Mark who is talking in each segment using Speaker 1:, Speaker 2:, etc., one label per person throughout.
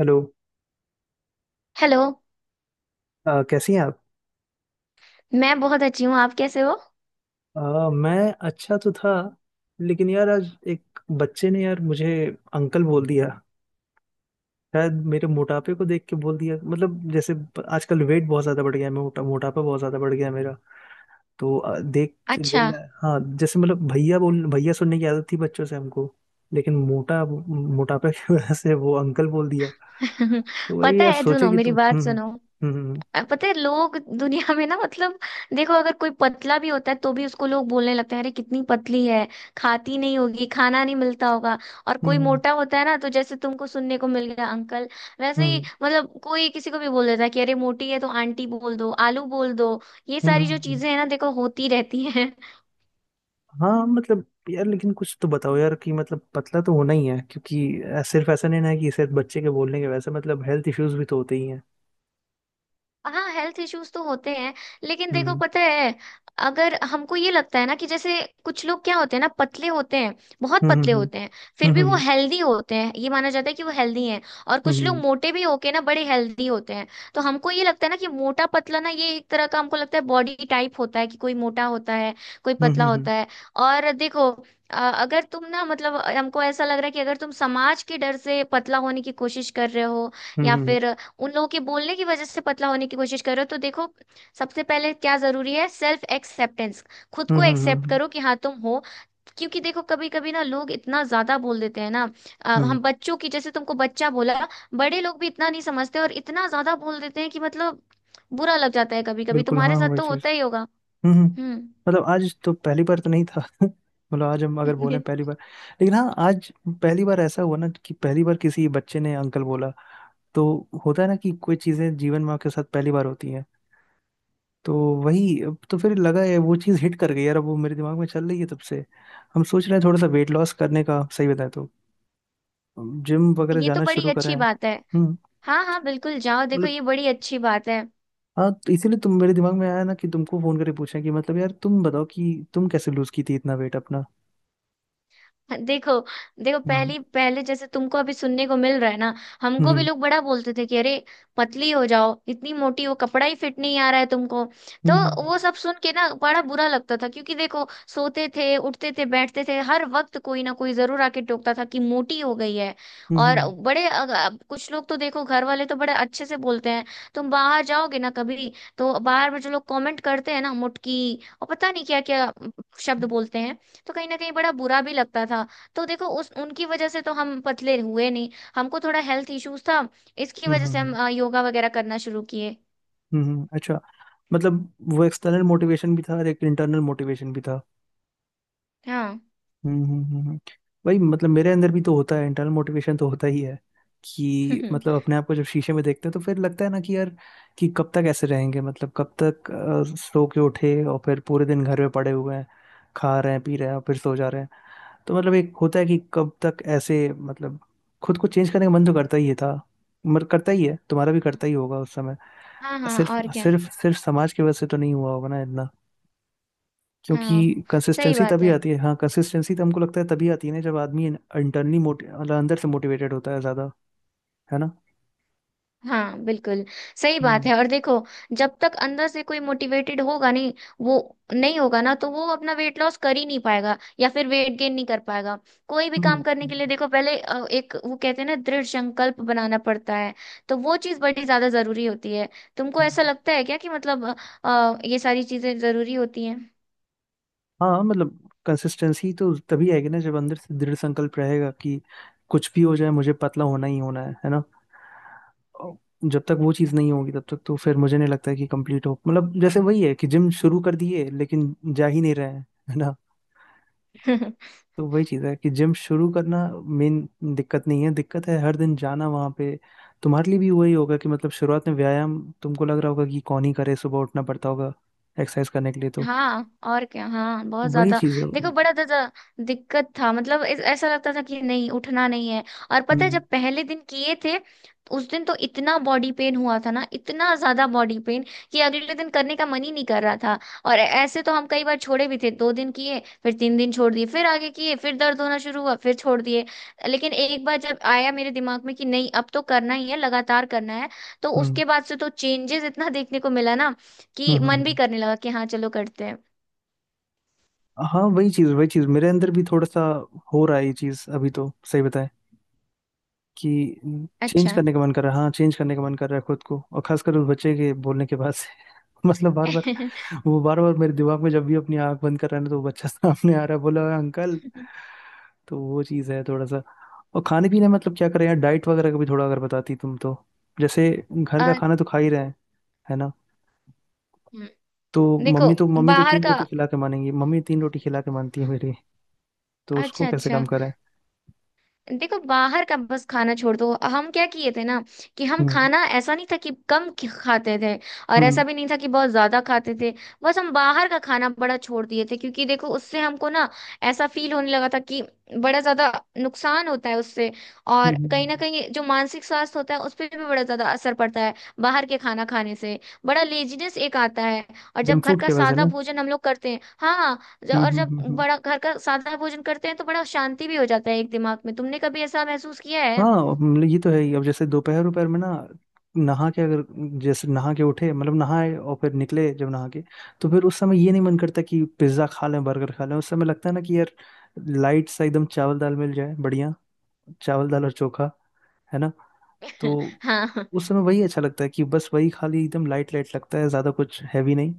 Speaker 1: Hello.
Speaker 2: Hello.
Speaker 1: कैसी हैं आप?
Speaker 2: मैं बहुत अच्छी हूँ, आप कैसे हो?
Speaker 1: मैं अच्छा तो था। लेकिन यार आज एक बच्चे ने यार मुझे अंकल बोल दिया। शायद मेरे मोटापे को देख के बोल दिया, मतलब जैसे आजकल वेट बहुत ज़्यादा बढ़ गया है। मोटापा बहुत ज़्यादा बढ़ गया है मेरा। तो देख के
Speaker 2: अच्छा।
Speaker 1: बोल रहा है। हाँ जैसे, मतलब भैया बोल, भैया सुनने की आदत थी बच्चों से हमको। लेकिन मोटापे की वजह से वो अंकल बोल दिया। तो वही
Speaker 2: पता
Speaker 1: यार,
Speaker 2: है,
Speaker 1: सोचे
Speaker 2: सुनो
Speaker 1: कि
Speaker 2: मेरी
Speaker 1: तुम।
Speaker 2: बात
Speaker 1: हम्म,
Speaker 2: सुनो।
Speaker 1: हम्म,
Speaker 2: पता है लोग दुनिया में ना, मतलब देखो अगर कोई पतला भी होता है तो भी उसको लोग बोलने लगते हैं अरे कितनी पतली है, खाती नहीं होगी, खाना नहीं मिलता होगा। और
Speaker 1: हम्म,
Speaker 2: कोई
Speaker 1: हम्म,
Speaker 2: मोटा होता है ना तो जैसे तुमको सुनने को मिल गया अंकल, वैसे
Speaker 1: हम्म,
Speaker 2: ही
Speaker 1: हम्म,
Speaker 2: मतलब कोई किसी को भी बोल देता है कि अरे मोटी है तो आंटी बोल दो, आलू बोल दो। ये सारी जो
Speaker 1: हम्म।
Speaker 2: चीजें हैं ना, देखो होती रहती हैं।
Speaker 1: हाँ मतलब, यार लेकिन कुछ तो बताओ यार कि मतलब पतला तो होना ही है, क्योंकि सिर्फ ऐसा नहीं ना है कि सिर्फ बच्चे के बोलने के, वैसे मतलब हेल्थ इश्यूज भी तो होते ही हैं।
Speaker 2: हाँ, हेल्थ इश्यूज तो होते हैं, लेकिन देखो
Speaker 1: हम्म,
Speaker 2: पता है, अगर हमको ये लगता है ना कि जैसे कुछ लोग क्या होते हैं ना, पतले होते हैं, बहुत
Speaker 1: हम्म,
Speaker 2: पतले
Speaker 1: हम्म,
Speaker 2: होते हैं, फिर भी वो
Speaker 1: हम्म,
Speaker 2: हेल्दी होते हैं, ये माना जाता है कि वो हेल्दी हैं। और कुछ लोग
Speaker 1: हम्म,
Speaker 2: मोटे भी होके ना बड़े हेल्दी होते हैं। तो हमको ये लगता है ना कि मोटा पतला ना, ये एक तरह का हमको लगता है बॉडी टाइप होता है कि कोई मोटा होता है, कोई
Speaker 1: हम्म,
Speaker 2: पतला
Speaker 1: हम्म,
Speaker 2: होता है। और देखो, अगर तुम ना, मतलब हमको ऐसा लग रहा है कि अगर तुम समाज के डर से पतला होने की कोशिश कर रहे हो
Speaker 1: हम्म,
Speaker 2: या
Speaker 1: हम्म,
Speaker 2: फिर उन लोगों के बोलने की वजह से पतला होने की कोशिश करो तो देखो, सबसे पहले क्या जरूरी है? Self acceptance. खुद
Speaker 1: हम्म,
Speaker 2: को एक्सेप्ट करो कि हाँ तुम हो। क्योंकि देखो कभी कभी ना लोग इतना ज्यादा बोल देते हैं ना,
Speaker 1: हम्म।
Speaker 2: हम बच्चों की, जैसे तुमको बच्चा बोला। बड़े लोग भी इतना नहीं समझते और इतना ज्यादा बोल देते हैं कि मतलब बुरा लग जाता है। कभी कभी
Speaker 1: बिल्कुल,
Speaker 2: तुम्हारे
Speaker 1: हाँ
Speaker 2: साथ
Speaker 1: वही
Speaker 2: तो
Speaker 1: चीज।
Speaker 2: होता ही होगा।
Speaker 1: हम्म, हम्म।
Speaker 2: हम्म।
Speaker 1: मतलब आज तो पहली बार तो नहीं था। मतलब आज हम अगर बोले पहली बार। लेकिन हाँ, आज पहली बार ऐसा हुआ ना कि पहली बार किसी बच्चे ने अंकल बोला। तो होता है ना कि कोई चीजें जीवन में आपके साथ पहली बार होती हैं। तो वही, अब तो फिर लगा है वो चीज़ हिट कर गई यार, अब वो मेरे दिमाग में चल रही है तब से। हम सोच रहे हैं थोड़ा सा वेट लॉस करने का, सही बताए तो जिम वगैरह
Speaker 2: ये तो
Speaker 1: जाना
Speaker 2: बड़ी
Speaker 1: शुरू कर रहे
Speaker 2: अच्छी
Speaker 1: हैं।
Speaker 2: बात है।
Speaker 1: हम्म।
Speaker 2: हाँ हाँ बिल्कुल, जाओ, देखो
Speaker 1: मतलब,
Speaker 2: ये बड़ी अच्छी बात है।
Speaker 1: हाँ तो इसीलिए तुम मेरे दिमाग में आया ना कि तुमको फोन करके पूछा कि मतलब यार तुम बताओ कि तुम कैसे लूज की थी इतना वेट अपना।
Speaker 2: देखो, देखो
Speaker 1: हम्म,
Speaker 2: पहली पहले जैसे तुमको अभी सुनने को मिल रहा है ना, हमको भी
Speaker 1: हम्म,
Speaker 2: लोग बड़ा बोलते थे कि अरे पतली हो जाओ, इतनी मोटी हो, कपड़ा ही फिट नहीं आ रहा है तुमको। तो
Speaker 1: हम्म,
Speaker 2: वो सब सुन के ना बड़ा बुरा लगता था, क्योंकि देखो सोते थे उठते थे बैठते थे हर वक्त कोई ना कोई जरूर आके टोकता था कि मोटी हो गई है।
Speaker 1: हम्म, हम्म,
Speaker 2: और अब कुछ लोग तो देखो, घर वाले तो बड़े अच्छे से बोलते हैं। तुम बाहर जाओगे ना कभी, तो बाहर में जो लोग कमेंट करते हैं ना, मुटकी और पता नहीं क्या क्या शब्द बोलते हैं, तो कहीं ना कहीं बड़ा बुरा भी लगता था। तो देखो उस उनकी वजह से तो हम पतले हुए नहीं, हमको थोड़ा हेल्थ इश्यूज था, इसकी
Speaker 1: हम्म,
Speaker 2: वजह
Speaker 1: हम्म,
Speaker 2: से हम
Speaker 1: हम्म,
Speaker 2: योगा वगैरह करना शुरू किए।
Speaker 1: हम्म। अच्छा, मतलब वो एक्सटर्नल मोटिवेशन भी था और एक इंटरनल मोटिवेशन भी था।
Speaker 2: हाँ।
Speaker 1: हम्म, वही, मतलब मेरे अंदर भी तो होता है, इंटरनल मोटिवेशन तो होता ही है। कि मतलब अपने आप को जब शीशे में देखते हैं तो फिर लगता है ना कि यार, कि कब तक ऐसे रहेंगे, मतलब कब तक सो के उठे और फिर पूरे दिन घर में पड़े हुए हैं। खा रहे हैं, पी रहे हैं और फिर सो जा रहे हैं। तो मतलब एक होता है कि कब तक ऐसे, मतलब खुद को चेंज करने का मन तो करता ही था। मगर करता ही है, तुम्हारा भी करता ही होगा उस समय।
Speaker 2: हाँ हाँ,
Speaker 1: सिर्फ
Speaker 2: और क्या।
Speaker 1: सिर्फ सिर्फ समाज की वजह से तो नहीं हुआ होगा ना,
Speaker 2: हाँ हाँ,
Speaker 1: क्योंकि
Speaker 2: सही
Speaker 1: कंसिस्टेंसी
Speaker 2: बात
Speaker 1: तभी
Speaker 2: है।
Speaker 1: आती है। हाँ कंसिस्टेंसी तो हमको लगता है तभी आती है ना जब आदमी इंटरनली मोटे मतलब अंदर से मोटिवेटेड होता है ज्यादा। है ना?
Speaker 2: हाँ बिल्कुल, सही बात
Speaker 1: हम्म,
Speaker 2: है। और देखो, जब तक अंदर से कोई मोटिवेटेड होगा नहीं, वो नहीं होगा ना, तो वो अपना वेट लॉस कर ही नहीं पाएगा या फिर वेट गेन नहीं कर पाएगा। कोई भी
Speaker 1: हम्म,
Speaker 2: काम करने के लिए देखो पहले, एक वो कहते हैं ना, दृढ़ संकल्प बनाना पड़ता है। तो वो चीज बड़ी ज्यादा जरूरी होती है। तुमको ऐसा
Speaker 1: हम्म।
Speaker 2: लगता है क्या कि मतलब ये सारी चीजें जरूरी होती हैं?
Speaker 1: हाँ मतलब, कंसिस्टेंसी तो तभी आएगी ना जब अंदर से दृढ़ संकल्प रहेगा कि कुछ भी हो जाए, मुझे पतला होना ही होना है ना। और जब तक वो चीज़ नहीं होगी तब तक तो फिर मुझे नहीं लगता है कि कंप्लीट हो, मतलब जैसे वही है कि जिम शुरू कर दिए लेकिन जा ही नहीं रहे हैं। है। तो वही चीज़ है कि जिम शुरू करना मेन दिक्कत नहीं है, दिक्कत है हर दिन जाना वहाँ पे। तुम्हारे लिए भी वही होगा कि मतलब शुरुआत में व्यायाम, तुमको लग रहा होगा कि कौन ही करे, सुबह उठना पड़ता होगा एक्सरसाइज करने के लिए, तो
Speaker 2: हाँ, और क्या। हाँ, बहुत
Speaker 1: वही
Speaker 2: ज्यादा।
Speaker 1: चीज़ है।
Speaker 2: देखो बड़ा ज्यादा दिक्कत था, मतलब ऐसा लगता था कि नहीं, उठना नहीं है। और पता है,
Speaker 1: हम्म,
Speaker 2: जब पहले दिन किए थे, उस दिन तो इतना बॉडी पेन हुआ था ना, इतना ज्यादा बॉडी पेन कि अगले दिन करने का मन ही नहीं कर रहा था। और ऐसे तो हम कई बार छोड़े भी थे, दो दिन किए फिर तीन दिन छोड़ दिए, फिर आगे किए फिर दर्द होना शुरू हुआ फिर छोड़ दिए। लेकिन एक बार जब आया मेरे दिमाग में कि नहीं अब तो करना ही है, लगातार करना है, तो
Speaker 1: हम्म,
Speaker 2: उसके बाद से तो चेंजेस इतना देखने को मिला ना
Speaker 1: हम्म,
Speaker 2: कि मन भी करने लगा कि हाँ चलो करते हैं।
Speaker 1: हाँ वही चीज़, वही चीज़ मेरे अंदर भी थोड़ा सा हो रहा है ये चीज़, अभी तो सही बताएं कि चेंज
Speaker 2: अच्छा।
Speaker 1: करने का मन कर रहा है, हाँ चेंज करने का मन कर रहा है खुद को, और खासकर उस बच्चे के बोलने के बाद से। मतलब बार बार, वो बार बार मेरे दिमाग में, जब भी अपनी आंख बंद कर रहा है ना तो वो बच्चा सामने आ रहा है, बोला "ओए, अंकल"। तो वो चीज़ है थोड़ा सा। और खाने पीने में, मतलब क्या करें यार, डाइट वगैरह का भी थोड़ा अगर बताती तुम तो। जैसे घर का
Speaker 2: अ,
Speaker 1: खाना तो खा ही रहे हैं, है ना।
Speaker 2: हम्म,
Speaker 1: तो
Speaker 2: देखो
Speaker 1: मम्मी तो
Speaker 2: बाहर
Speaker 1: तीन
Speaker 2: का।
Speaker 1: रोटी खिला के मानेंगी, मम्मी तीन रोटी खिला के मानती है मेरी। तो उसको
Speaker 2: अच्छा
Speaker 1: कैसे
Speaker 2: अच्छा,
Speaker 1: कम करें?
Speaker 2: देखो बाहर का बस खाना छोड़ दो। हम क्या किए थे ना, कि हम
Speaker 1: हम्म।
Speaker 2: खाना, ऐसा नहीं था कि कम खाते थे, और
Speaker 1: हम्म।
Speaker 2: ऐसा भी नहीं था कि बहुत ज्यादा खाते थे, बस हम बाहर का खाना बड़ा छोड़ दिए थे, क्योंकि देखो उससे हमको ना ऐसा फील होने लगा था कि बड़ा ज्यादा नुकसान होता है उससे। और कहीं ना कहीं जो मानसिक स्वास्थ्य होता है उस पर भी बड़ा ज्यादा असर पड़ता है बाहर के खाना खाने से। बड़ा लेजीनेस एक आता है। और जब
Speaker 1: जंक
Speaker 2: घर
Speaker 1: फूड
Speaker 2: का
Speaker 1: की वजह से
Speaker 2: सादा
Speaker 1: ना।
Speaker 2: भोजन हम लोग करते हैं, हाँ,
Speaker 1: हम्म,
Speaker 2: और
Speaker 1: हम्म,
Speaker 2: जब
Speaker 1: हम्म,
Speaker 2: बड़ा घर का सादा भोजन करते हैं तो बड़ा शांति भी हो जाता है एक दिमाग में। तुमने कभी ऐसा महसूस किया है?
Speaker 1: हाँ मतलब, ये तो है ही। अब जैसे दोपहर दोपहर में ना, नहा के अगर, जैसे नहा के उठे, मतलब नहाए और फिर निकले जब नहा के, तो फिर उस समय ये नहीं मन करता कि पिज्जा खा लें बर्गर खा लें, उस समय लगता है ना कि यार, लाइट सा एकदम चावल दाल मिल जाए बढ़िया। चावल दाल और चोखा, है ना। तो
Speaker 2: हाँ।
Speaker 1: उस समय वही अच्छा लगता है कि बस वही खाली, एकदम लाइट लाइट लगता है, ज्यादा कुछ हैवी नहीं।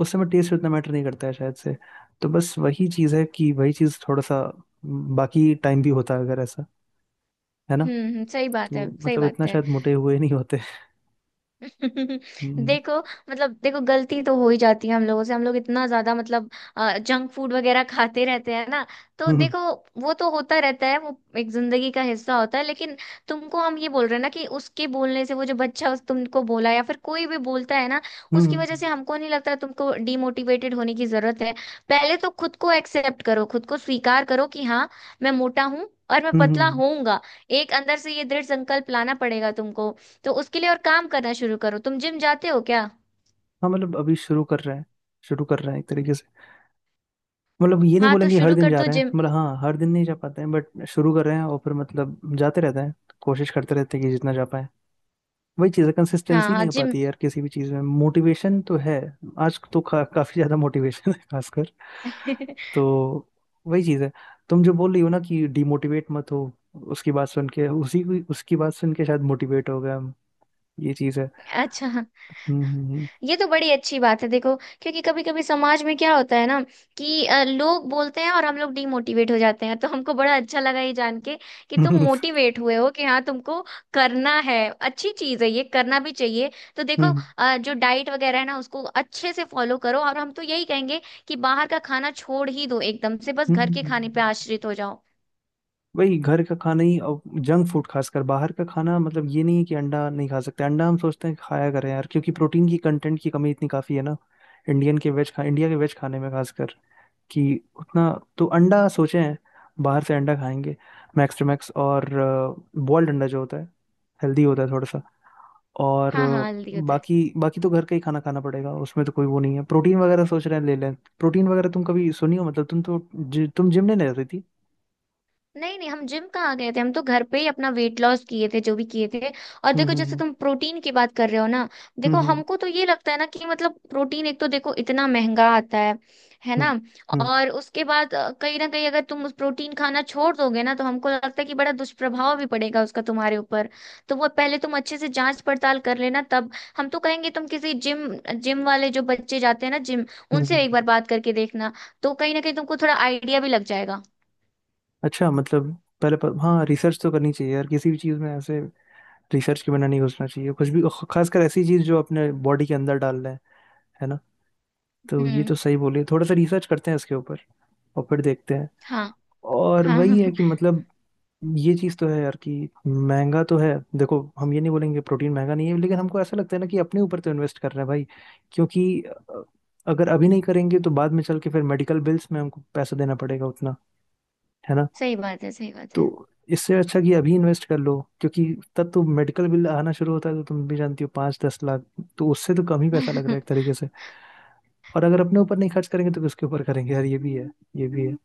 Speaker 1: उस समय टेस्ट उतना मैटर नहीं करता है शायद से। तो बस वही चीज़ है कि वही चीज़ थोड़ा सा बाकी टाइम भी होता है अगर ऐसा, है ना,
Speaker 2: सही बात
Speaker 1: तो
Speaker 2: है, सही
Speaker 1: मतलब इतना
Speaker 2: बात है।
Speaker 1: शायद मोटे हुए नहीं होते। हम्म,
Speaker 2: देखो, मतलब देखो, गलती तो हो ही जाती है हम लोगों से, हम लोग इतना ज्यादा मतलब जंक फूड वगैरह खाते रहते हैं ना, तो
Speaker 1: हम्म,
Speaker 2: देखो वो तो होता रहता है, वो एक जिंदगी का हिस्सा होता है। लेकिन तुमको हम ये बोल रहे हैं ना कि उसके बोलने से, वो जो बच्चा उस तुमको बोला या फिर कोई भी बोलता है ना, उसकी
Speaker 1: हम्म,
Speaker 2: वजह से हमको नहीं लगता तुमको डिमोटिवेटेड होने की जरूरत है। पहले तो खुद को एक्सेप्ट करो, खुद को स्वीकार करो कि हाँ मैं मोटा हूँ और मैं पतला
Speaker 1: हम्म।
Speaker 2: होऊंगा। एक अंदर से ये दृढ़ संकल्प लाना पड़ेगा तुमको। तो उसके लिए और काम करना शुरू करो। तुम जिम जाते हो क्या?
Speaker 1: हाँ मतलब अभी शुरू कर रहे हैं, शुरू कर रहे हैं एक तरीके से। मतलब ये नहीं
Speaker 2: हाँ तो
Speaker 1: बोलेंगे हर
Speaker 2: शुरू
Speaker 1: दिन
Speaker 2: कर
Speaker 1: जा
Speaker 2: दो
Speaker 1: रहे हैं,
Speaker 2: जिम।
Speaker 1: मतलब हाँ हर दिन नहीं जा पाते हैं बट शुरू कर रहे हैं और फिर मतलब जाते रहते हैं, कोशिश करते रहते हैं कि जितना जा पाए। वही चीज़ है,
Speaker 2: हाँ
Speaker 1: कंसिस्टेंसी
Speaker 2: हाँ
Speaker 1: नहीं हो
Speaker 2: जिम।
Speaker 1: पाती यार किसी भी चीज़ में, मोटिवेशन तो है। आज तो काफी ज्यादा मोटिवेशन है खासकर। तो वही चीज़ है, तुम जो बोल रही हो ना कि डिमोटिवेट मत हो, उसकी बात सुन के, उसी उसकी बात सुन के शायद मोटिवेट हो गए हम। ये चीज़ है।
Speaker 2: अच्छा हाँ।
Speaker 1: हम्म,
Speaker 2: ये तो बड़ी अच्छी बात है। देखो, क्योंकि कभी कभी समाज में क्या होता है ना, कि लोग बोलते हैं और हम लोग डीमोटिवेट हो जाते हैं। तो हमको बड़ा अच्छा लगा ये जान के कि
Speaker 1: हम्म,
Speaker 2: तुम
Speaker 1: हम्म।
Speaker 2: मोटिवेट हुए हो, कि हाँ तुमको करना है, अच्छी चीज है, ये करना भी चाहिए। तो देखो,
Speaker 1: हम्म,
Speaker 2: जो डाइट वगैरह है ना उसको अच्छे से फॉलो करो। और हम तो यही कहेंगे कि बाहर का खाना छोड़ ही दो एकदम से, बस
Speaker 1: हम्म,
Speaker 2: घर के खाने पे
Speaker 1: हम्म।
Speaker 2: आश्रित हो जाओ।
Speaker 1: वही घर का खाना ही, और जंक फूड खासकर बाहर का खाना, मतलब ये नहीं है कि अंडा नहीं खा सकते, अंडा हम सोचते हैं खाया करें यार, क्योंकि प्रोटीन की कंटेंट की कमी इतनी काफी है ना इंडियन के वेज खा इंडिया के वेज खाने में खासकर, कि उतना। तो अंडा सोचे हैं बाहर से अंडा खाएंगे, मैक्स टू मैक्स। और बॉइल्ड अंडा जो होता है हेल्दी होता है थोड़ा सा। और
Speaker 2: हाँ हाँ, हेल्दी होता है।
Speaker 1: बाकी बाकी तो घर का ही खाना खाना पड़ेगा, उसमें तो कोई वो नहीं है, प्रोटीन वगैरह सोच रहे हैं ले लें। प्रोटीन वगैरह तुम कभी सुनी हो, मतलब तुम तो तुम जिम नहीं जाती थी।
Speaker 2: नहीं नहीं, हम जिम कहाँ गए थे, हम तो घर पे ही अपना वेट लॉस किए थे जो भी किए थे। और
Speaker 1: हम्म,
Speaker 2: देखो जैसे
Speaker 1: हम्म,
Speaker 2: तुम प्रोटीन की बात कर रहे हो ना,
Speaker 1: हम्म,
Speaker 2: देखो
Speaker 1: हम्म,
Speaker 2: हमको तो ये लगता है ना कि मतलब प्रोटीन एक तो देखो इतना महंगा आता है
Speaker 1: हम्म,
Speaker 2: ना।
Speaker 1: हम्म, हम्म,
Speaker 2: और उसके बाद कहीं ना कहीं अगर तुम उस प्रोटीन खाना छोड़ दोगे ना तो हमको लगता है कि बड़ा दुष्प्रभाव भी पड़ेगा उसका तुम्हारे ऊपर। तो वो पहले तुम अच्छे से जांच पड़ताल कर लेना, तब हम तो कहेंगे तुम किसी जिम, जिम वाले जो बच्चे जाते हैं ना जिम,
Speaker 1: हम्म,
Speaker 2: उनसे एक बार
Speaker 1: हम्म।
Speaker 2: बात करके देखना। तो कहीं ना कहीं तुमको थोड़ा आइडिया भी लग जाएगा।
Speaker 1: अच्छा, मतलब पहले हाँ, रिसर्च तो करनी चाहिए यार किसी भी चीज़ में ऐसे, रिसर्च के बिना नहीं घुसना चाहिए कुछ भी, खासकर ऐसी चीज़ जो अपने बॉडी के अंदर डाल रहे हैं, है ना। तो ये
Speaker 2: हम्म।
Speaker 1: तो सही बोले, थोड़ा सा रिसर्च करते हैं इसके ऊपर और फिर देखते हैं।
Speaker 2: हाँ
Speaker 1: और
Speaker 2: हाँ।
Speaker 1: वही है कि मतलब ये चीज़ तो है यार कि महंगा तो है। देखो हम ये नहीं बोलेंगे प्रोटीन महंगा नहीं है, लेकिन हमको ऐसा लगता है ना कि अपने ऊपर तो इन्वेस्ट कर रहे हैं भाई, क्योंकि अगर अभी नहीं करेंगे तो बाद में चल के फिर मेडिकल बिल्स में हमको पैसा देना पड़ेगा उतना, है ना।
Speaker 2: सही बात है, सही बात है।
Speaker 1: तो इससे अच्छा कि अभी इन्वेस्ट कर लो, क्योंकि तब तो मेडिकल बिल आना शुरू होता है तो तुम भी जानती हो, 5-10 लाख। तो उससे तो कम ही पैसा लग रहा है एक तरीके से। और अगर अपने ऊपर नहीं खर्च करेंगे तो किसके ऊपर करेंगे यार, ये भी है। ये भी है।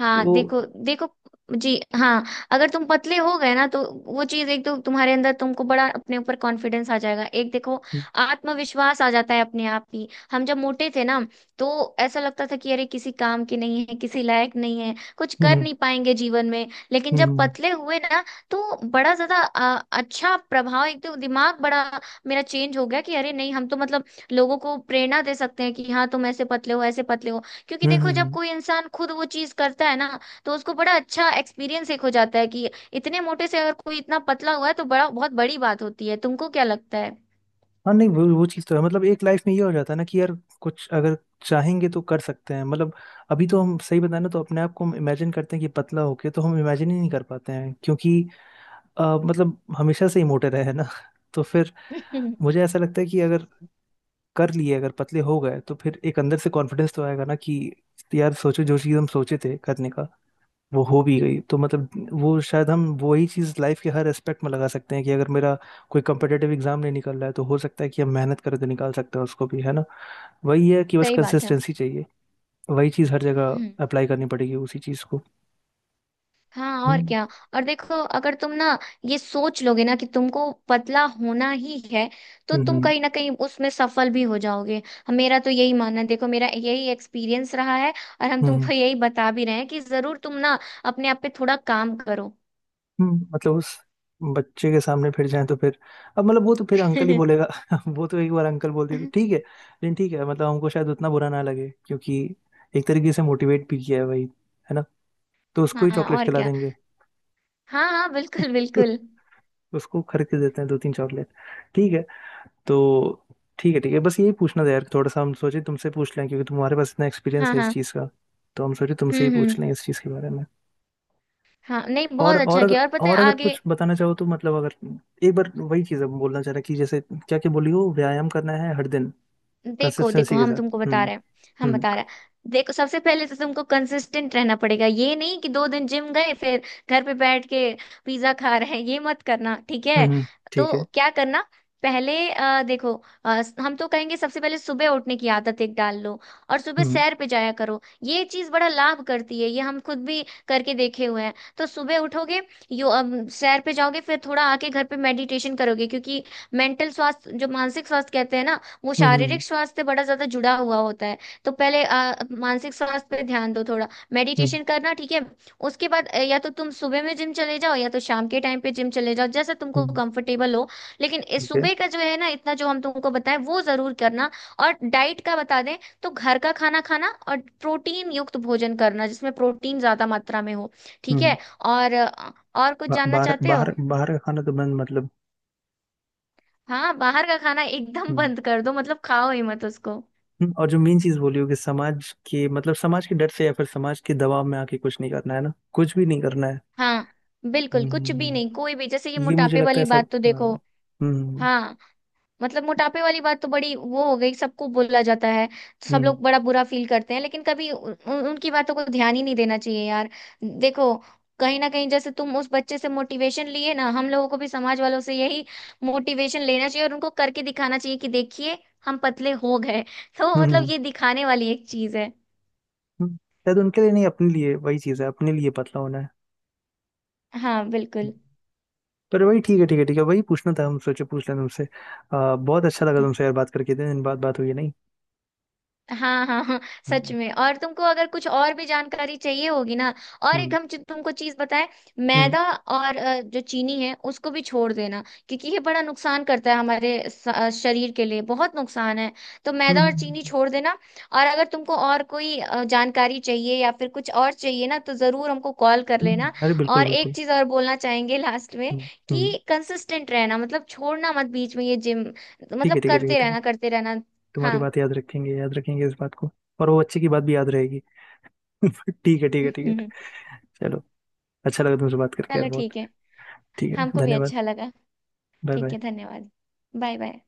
Speaker 2: हाँ,
Speaker 1: तो
Speaker 2: देखो देखो, जी हाँ, अगर तुम पतले हो गए ना तो वो चीज एक तो तुम्हारे अंदर तुमको बड़ा अपने ऊपर कॉन्फिडेंस आ जाएगा, एक देखो
Speaker 1: हम्म,
Speaker 2: आत्मविश्वास आ जाता है अपने आप ही। हम जब मोटे थे ना, तो ऐसा लगता था कि अरे किसी काम के नहीं है, किसी लायक नहीं है, कुछ कर
Speaker 1: हम्म,
Speaker 2: नहीं पाएंगे जीवन में। लेकिन
Speaker 1: हम्म,
Speaker 2: जब पतले हुए ना, तो बड़ा ज्यादा अच्छा प्रभाव, एक तो दिमाग बड़ा मेरा चेंज हो गया कि अरे नहीं हम तो मतलब लोगों को प्रेरणा दे सकते हैं कि हाँ तुम ऐसे पतले हो, ऐसे पतले हो। क्योंकि
Speaker 1: हम्म,
Speaker 2: देखो जब
Speaker 1: हम्म।
Speaker 2: कोई इंसान खुद वो चीज करता है ना, तो उसको बड़ा अच्छा एक्सपीरियंस एक हो जाता है कि इतने मोटे से अगर कोई इतना पतला हुआ है तो बड़ा, बहुत बड़ी बात होती है। तुमको क्या लगता है?
Speaker 1: हाँ नहीं, वो चीज़ तो है, मतलब एक लाइफ में ये हो जाता है ना कि यार कुछ अगर चाहेंगे तो कर सकते हैं, मतलब अभी तो हम सही बताएं ना तो अपने आप को हम इमेजिन करते हैं कि पतला होके, तो हम इमेजिन ही नहीं कर पाते हैं क्योंकि मतलब हमेशा से ही मोटे रहे हैं ना। तो फिर मुझे ऐसा लगता है कि अगर कर लिए, अगर पतले हो गए तो फिर एक अंदर से कॉन्फिडेंस तो आएगा ना कि यार सोचो, जो चीज़ हम सोचे थे करने का वो हो भी गई, तो मतलब वो शायद हम वही चीज़ लाइफ के हर एस्पेक्ट में लगा सकते हैं कि अगर मेरा कोई कंपिटेटिव एग्जाम नहीं निकल रहा है तो हो सकता है कि हम मेहनत करें तो निकाल सकते हैं उसको भी, है ना। वही है कि बस
Speaker 2: सही बात है।
Speaker 1: कंसिस्टेंसी चाहिए, वही चीज़ हर जगह
Speaker 2: हम्म।
Speaker 1: अप्लाई करनी पड़ेगी उसी चीज़ को।
Speaker 2: हाँ और
Speaker 1: हम्म,
Speaker 2: क्या। और देखो अगर तुम ना ये सोच लोगे ना कि तुमको पतला होना ही है, तो
Speaker 1: हम्म,
Speaker 2: तुम
Speaker 1: हम्म,
Speaker 2: कहीं ना कहीं उसमें सफल भी हो जाओगे। मेरा तो यही मानना है, देखो मेरा यही एक्सपीरियंस रहा है। और हम
Speaker 1: हम्म,
Speaker 2: तुमको यही बता भी रहे हैं कि जरूर तुम ना अपने आप पे थोड़ा काम करो।
Speaker 1: हम्म। मतलब उस बच्चे के सामने फिर जाएं तो फिर, अब मतलब वो तो फिर अंकल ही बोलेगा। वो तो एक बार अंकल बोल दिया तो ठीक है, लेकिन ठीक है मतलब हमको शायद उतना बुरा ना लगे, क्योंकि एक तरीके से मोटिवेट भी किया है भाई, है ना। तो उसको ही
Speaker 2: हाँ
Speaker 1: चॉकलेट
Speaker 2: और
Speaker 1: खिला
Speaker 2: क्या।
Speaker 1: देंगे।
Speaker 2: हाँ हाँ बिल्कुल बिल्कुल।
Speaker 1: उसको खरीद के देते हैं दो तीन चॉकलेट। ठीक है। तो ठीक है, ठीक है, बस यही पूछना था यार, थोड़ा सा हम सोचे तुमसे पूछ लें, क्योंकि तुम्हारे पास इतना एक्सपीरियंस
Speaker 2: हाँ
Speaker 1: है इस
Speaker 2: हाँ।
Speaker 1: चीज़ का। तो हम सोचे तुमसे ही पूछ
Speaker 2: हम्म।
Speaker 1: लें इस चीज़ के बारे में।
Speaker 2: हाँ नहीं,
Speaker 1: और
Speaker 2: बहुत
Speaker 1: और
Speaker 2: अच्छा
Speaker 1: अगर,
Speaker 2: किया। और पता है
Speaker 1: और अगर
Speaker 2: आगे,
Speaker 1: कुछ बताना चाहो तो मतलब, अगर एक बार वही चीज़ अब बोलना चाह रहा कि जैसे क्या क्या बोली हो, व्यायाम करना है हर दिन
Speaker 2: देखो देखो
Speaker 1: कंसिस्टेंसी के
Speaker 2: हम
Speaker 1: साथ।
Speaker 2: तुमको बता
Speaker 1: हम्म।
Speaker 2: रहे हैं, हम
Speaker 1: हम्म,
Speaker 2: बता रहे हैं देखो। सबसे पहले तो तुमको कंसिस्टेंट रहना पड़ेगा, ये नहीं कि दो दिन जिम गए फिर घर पे बैठ के पिज्जा खा रहे हैं, ये मत करना, ठीक
Speaker 1: हम्म,
Speaker 2: है?
Speaker 1: ठीक
Speaker 2: तो
Speaker 1: है।
Speaker 2: क्या करना, पहले देखो, हम तो कहेंगे सबसे पहले सुबह उठने की आदत एक डाल लो, और सुबह
Speaker 1: हम्म,
Speaker 2: सैर पे जाया करो। ये चीज बड़ा लाभ करती है, ये हम खुद भी करके देखे हुए हैं। तो सुबह उठोगे, सैर पे जाओगे, फिर थोड़ा आके घर पे मेडिटेशन करोगे, क्योंकि मेंटल स्वास्थ्य, जो मानसिक स्वास्थ्य कहते हैं ना, वो
Speaker 1: हम्म, हम्म,
Speaker 2: शारीरिक स्वास्थ्य से बड़ा ज्यादा जुड़ा हुआ होता है। तो पहले मानसिक स्वास्थ्य पे ध्यान दो थोड़ा,
Speaker 1: हम्म,
Speaker 2: मेडिटेशन करना, ठीक है। उसके बाद या तो तुम सुबह में जिम चले जाओ या तो शाम के टाइम पे जिम चले जाओ, जैसा तुमको
Speaker 1: हम्म।
Speaker 2: कंफर्टेबल हो। लेकिन इस
Speaker 1: ठीक है।
Speaker 2: सुबह का जो है ना, इतना जो हम तुमको बताएं वो जरूर करना। और डाइट का बता दें, तो घर का खाना खाना और प्रोटीन युक्त भोजन करना जिसमें प्रोटीन ज्यादा मात्रा में हो, ठीक
Speaker 1: हम्म।
Speaker 2: है। और और कुछ
Speaker 1: बा-
Speaker 2: जानना
Speaker 1: बाहर
Speaker 2: चाहते हो?
Speaker 1: बाहर बाहर का खाना तो बंद, मतलब।
Speaker 2: हाँ बाहर का खाना एकदम
Speaker 1: हम्म,
Speaker 2: बंद कर दो, मतलब खाओ ही मत उसको।
Speaker 1: हम्म। और जो मेन चीज बोली हो कि समाज के डर से या फिर समाज के दबाव में आके कुछ नहीं करना है ना, कुछ भी नहीं करना है।
Speaker 2: हाँ बिल्कुल,
Speaker 1: हम्म,
Speaker 2: कुछ भी नहीं, कोई भी, जैसे ये
Speaker 1: ये मुझे
Speaker 2: मोटापे
Speaker 1: लगता
Speaker 2: वाली
Speaker 1: है सब,
Speaker 2: बात, तो देखो,
Speaker 1: हाँ। हम्म,
Speaker 2: हाँ मतलब मोटापे वाली बात तो बड़ी वो हो गई, सबको बोला जाता है तो सब
Speaker 1: हम्म,
Speaker 2: लोग बड़ा बुरा फील करते हैं, लेकिन कभी उन, उन- उनकी बातों को ध्यान ही नहीं देना चाहिए यार। देखो कहीं ना कहीं जैसे तुम उस बच्चे से मोटिवेशन लिए ना, हम लोगों को भी समाज वालों से यही मोटिवेशन लेना चाहिए और उनको करके दिखाना चाहिए कि देखिए हम पतले हो गए। तो
Speaker 1: हम्म, हम्म,
Speaker 2: मतलब ये दिखाने वाली एक चीज है।
Speaker 1: हम्म। शायद उनके लिए नहीं, अपने लिए। वही चीज है, अपने लिए पतला होना है।
Speaker 2: हाँ बिल्कुल।
Speaker 1: पर वही, ठीक है ठीक है ठीक है, वही पूछना था हम सोचे पूछ लें तुमसे। बहुत अच्छा लगा तुमसे यार बात करके, इतने दिन बाद बात हुई है नहीं।
Speaker 2: हाँ हाँ हाँ। सच
Speaker 1: हम्म,
Speaker 2: में, और तुमको अगर कुछ और भी जानकारी चाहिए होगी ना, और एक
Speaker 1: हम्म,
Speaker 2: हम तुमको चीज बताएं,
Speaker 1: हम्म,
Speaker 2: मैदा और जो चीनी है उसको भी छोड़ देना, क्योंकि ये बड़ा नुकसान करता है हमारे शरीर के लिए, बहुत नुकसान है। तो
Speaker 1: हम्म,
Speaker 2: मैदा और चीनी
Speaker 1: हम्म,
Speaker 2: छोड़ देना। और अगर तुमको और कोई जानकारी चाहिए या फिर कुछ और चाहिए ना, तो जरूर हमको कॉल कर लेना।
Speaker 1: अरे बिल्कुल,
Speaker 2: और
Speaker 1: बिल्कुल।
Speaker 2: एक चीज और बोलना चाहेंगे लास्ट में,
Speaker 1: हम्म,
Speaker 2: कि कंसिस्टेंट रहना, मतलब छोड़ना मत बीच में ये जिम,
Speaker 1: ठीक है
Speaker 2: मतलब
Speaker 1: ठीक है ठीक है
Speaker 2: करते
Speaker 1: ठीक है,
Speaker 2: रहना करते रहना।
Speaker 1: तुम्हारी
Speaker 2: हाँ।
Speaker 1: बात याद रखेंगे, याद रखेंगे इस बात को। और वो बच्चे की बात भी याद रहेगी। ठीक है ठीक है ठीक है। चलो, अच्छा लगा तुमसे बात करके यार
Speaker 2: चलो
Speaker 1: बहुत।
Speaker 2: ठीक है।
Speaker 1: ठीक है,
Speaker 2: हमको भी
Speaker 1: धन्यवाद।
Speaker 2: अच्छा लगा।
Speaker 1: बाय
Speaker 2: ठीक
Speaker 1: बाय।
Speaker 2: है, धन्यवाद। Bye bye.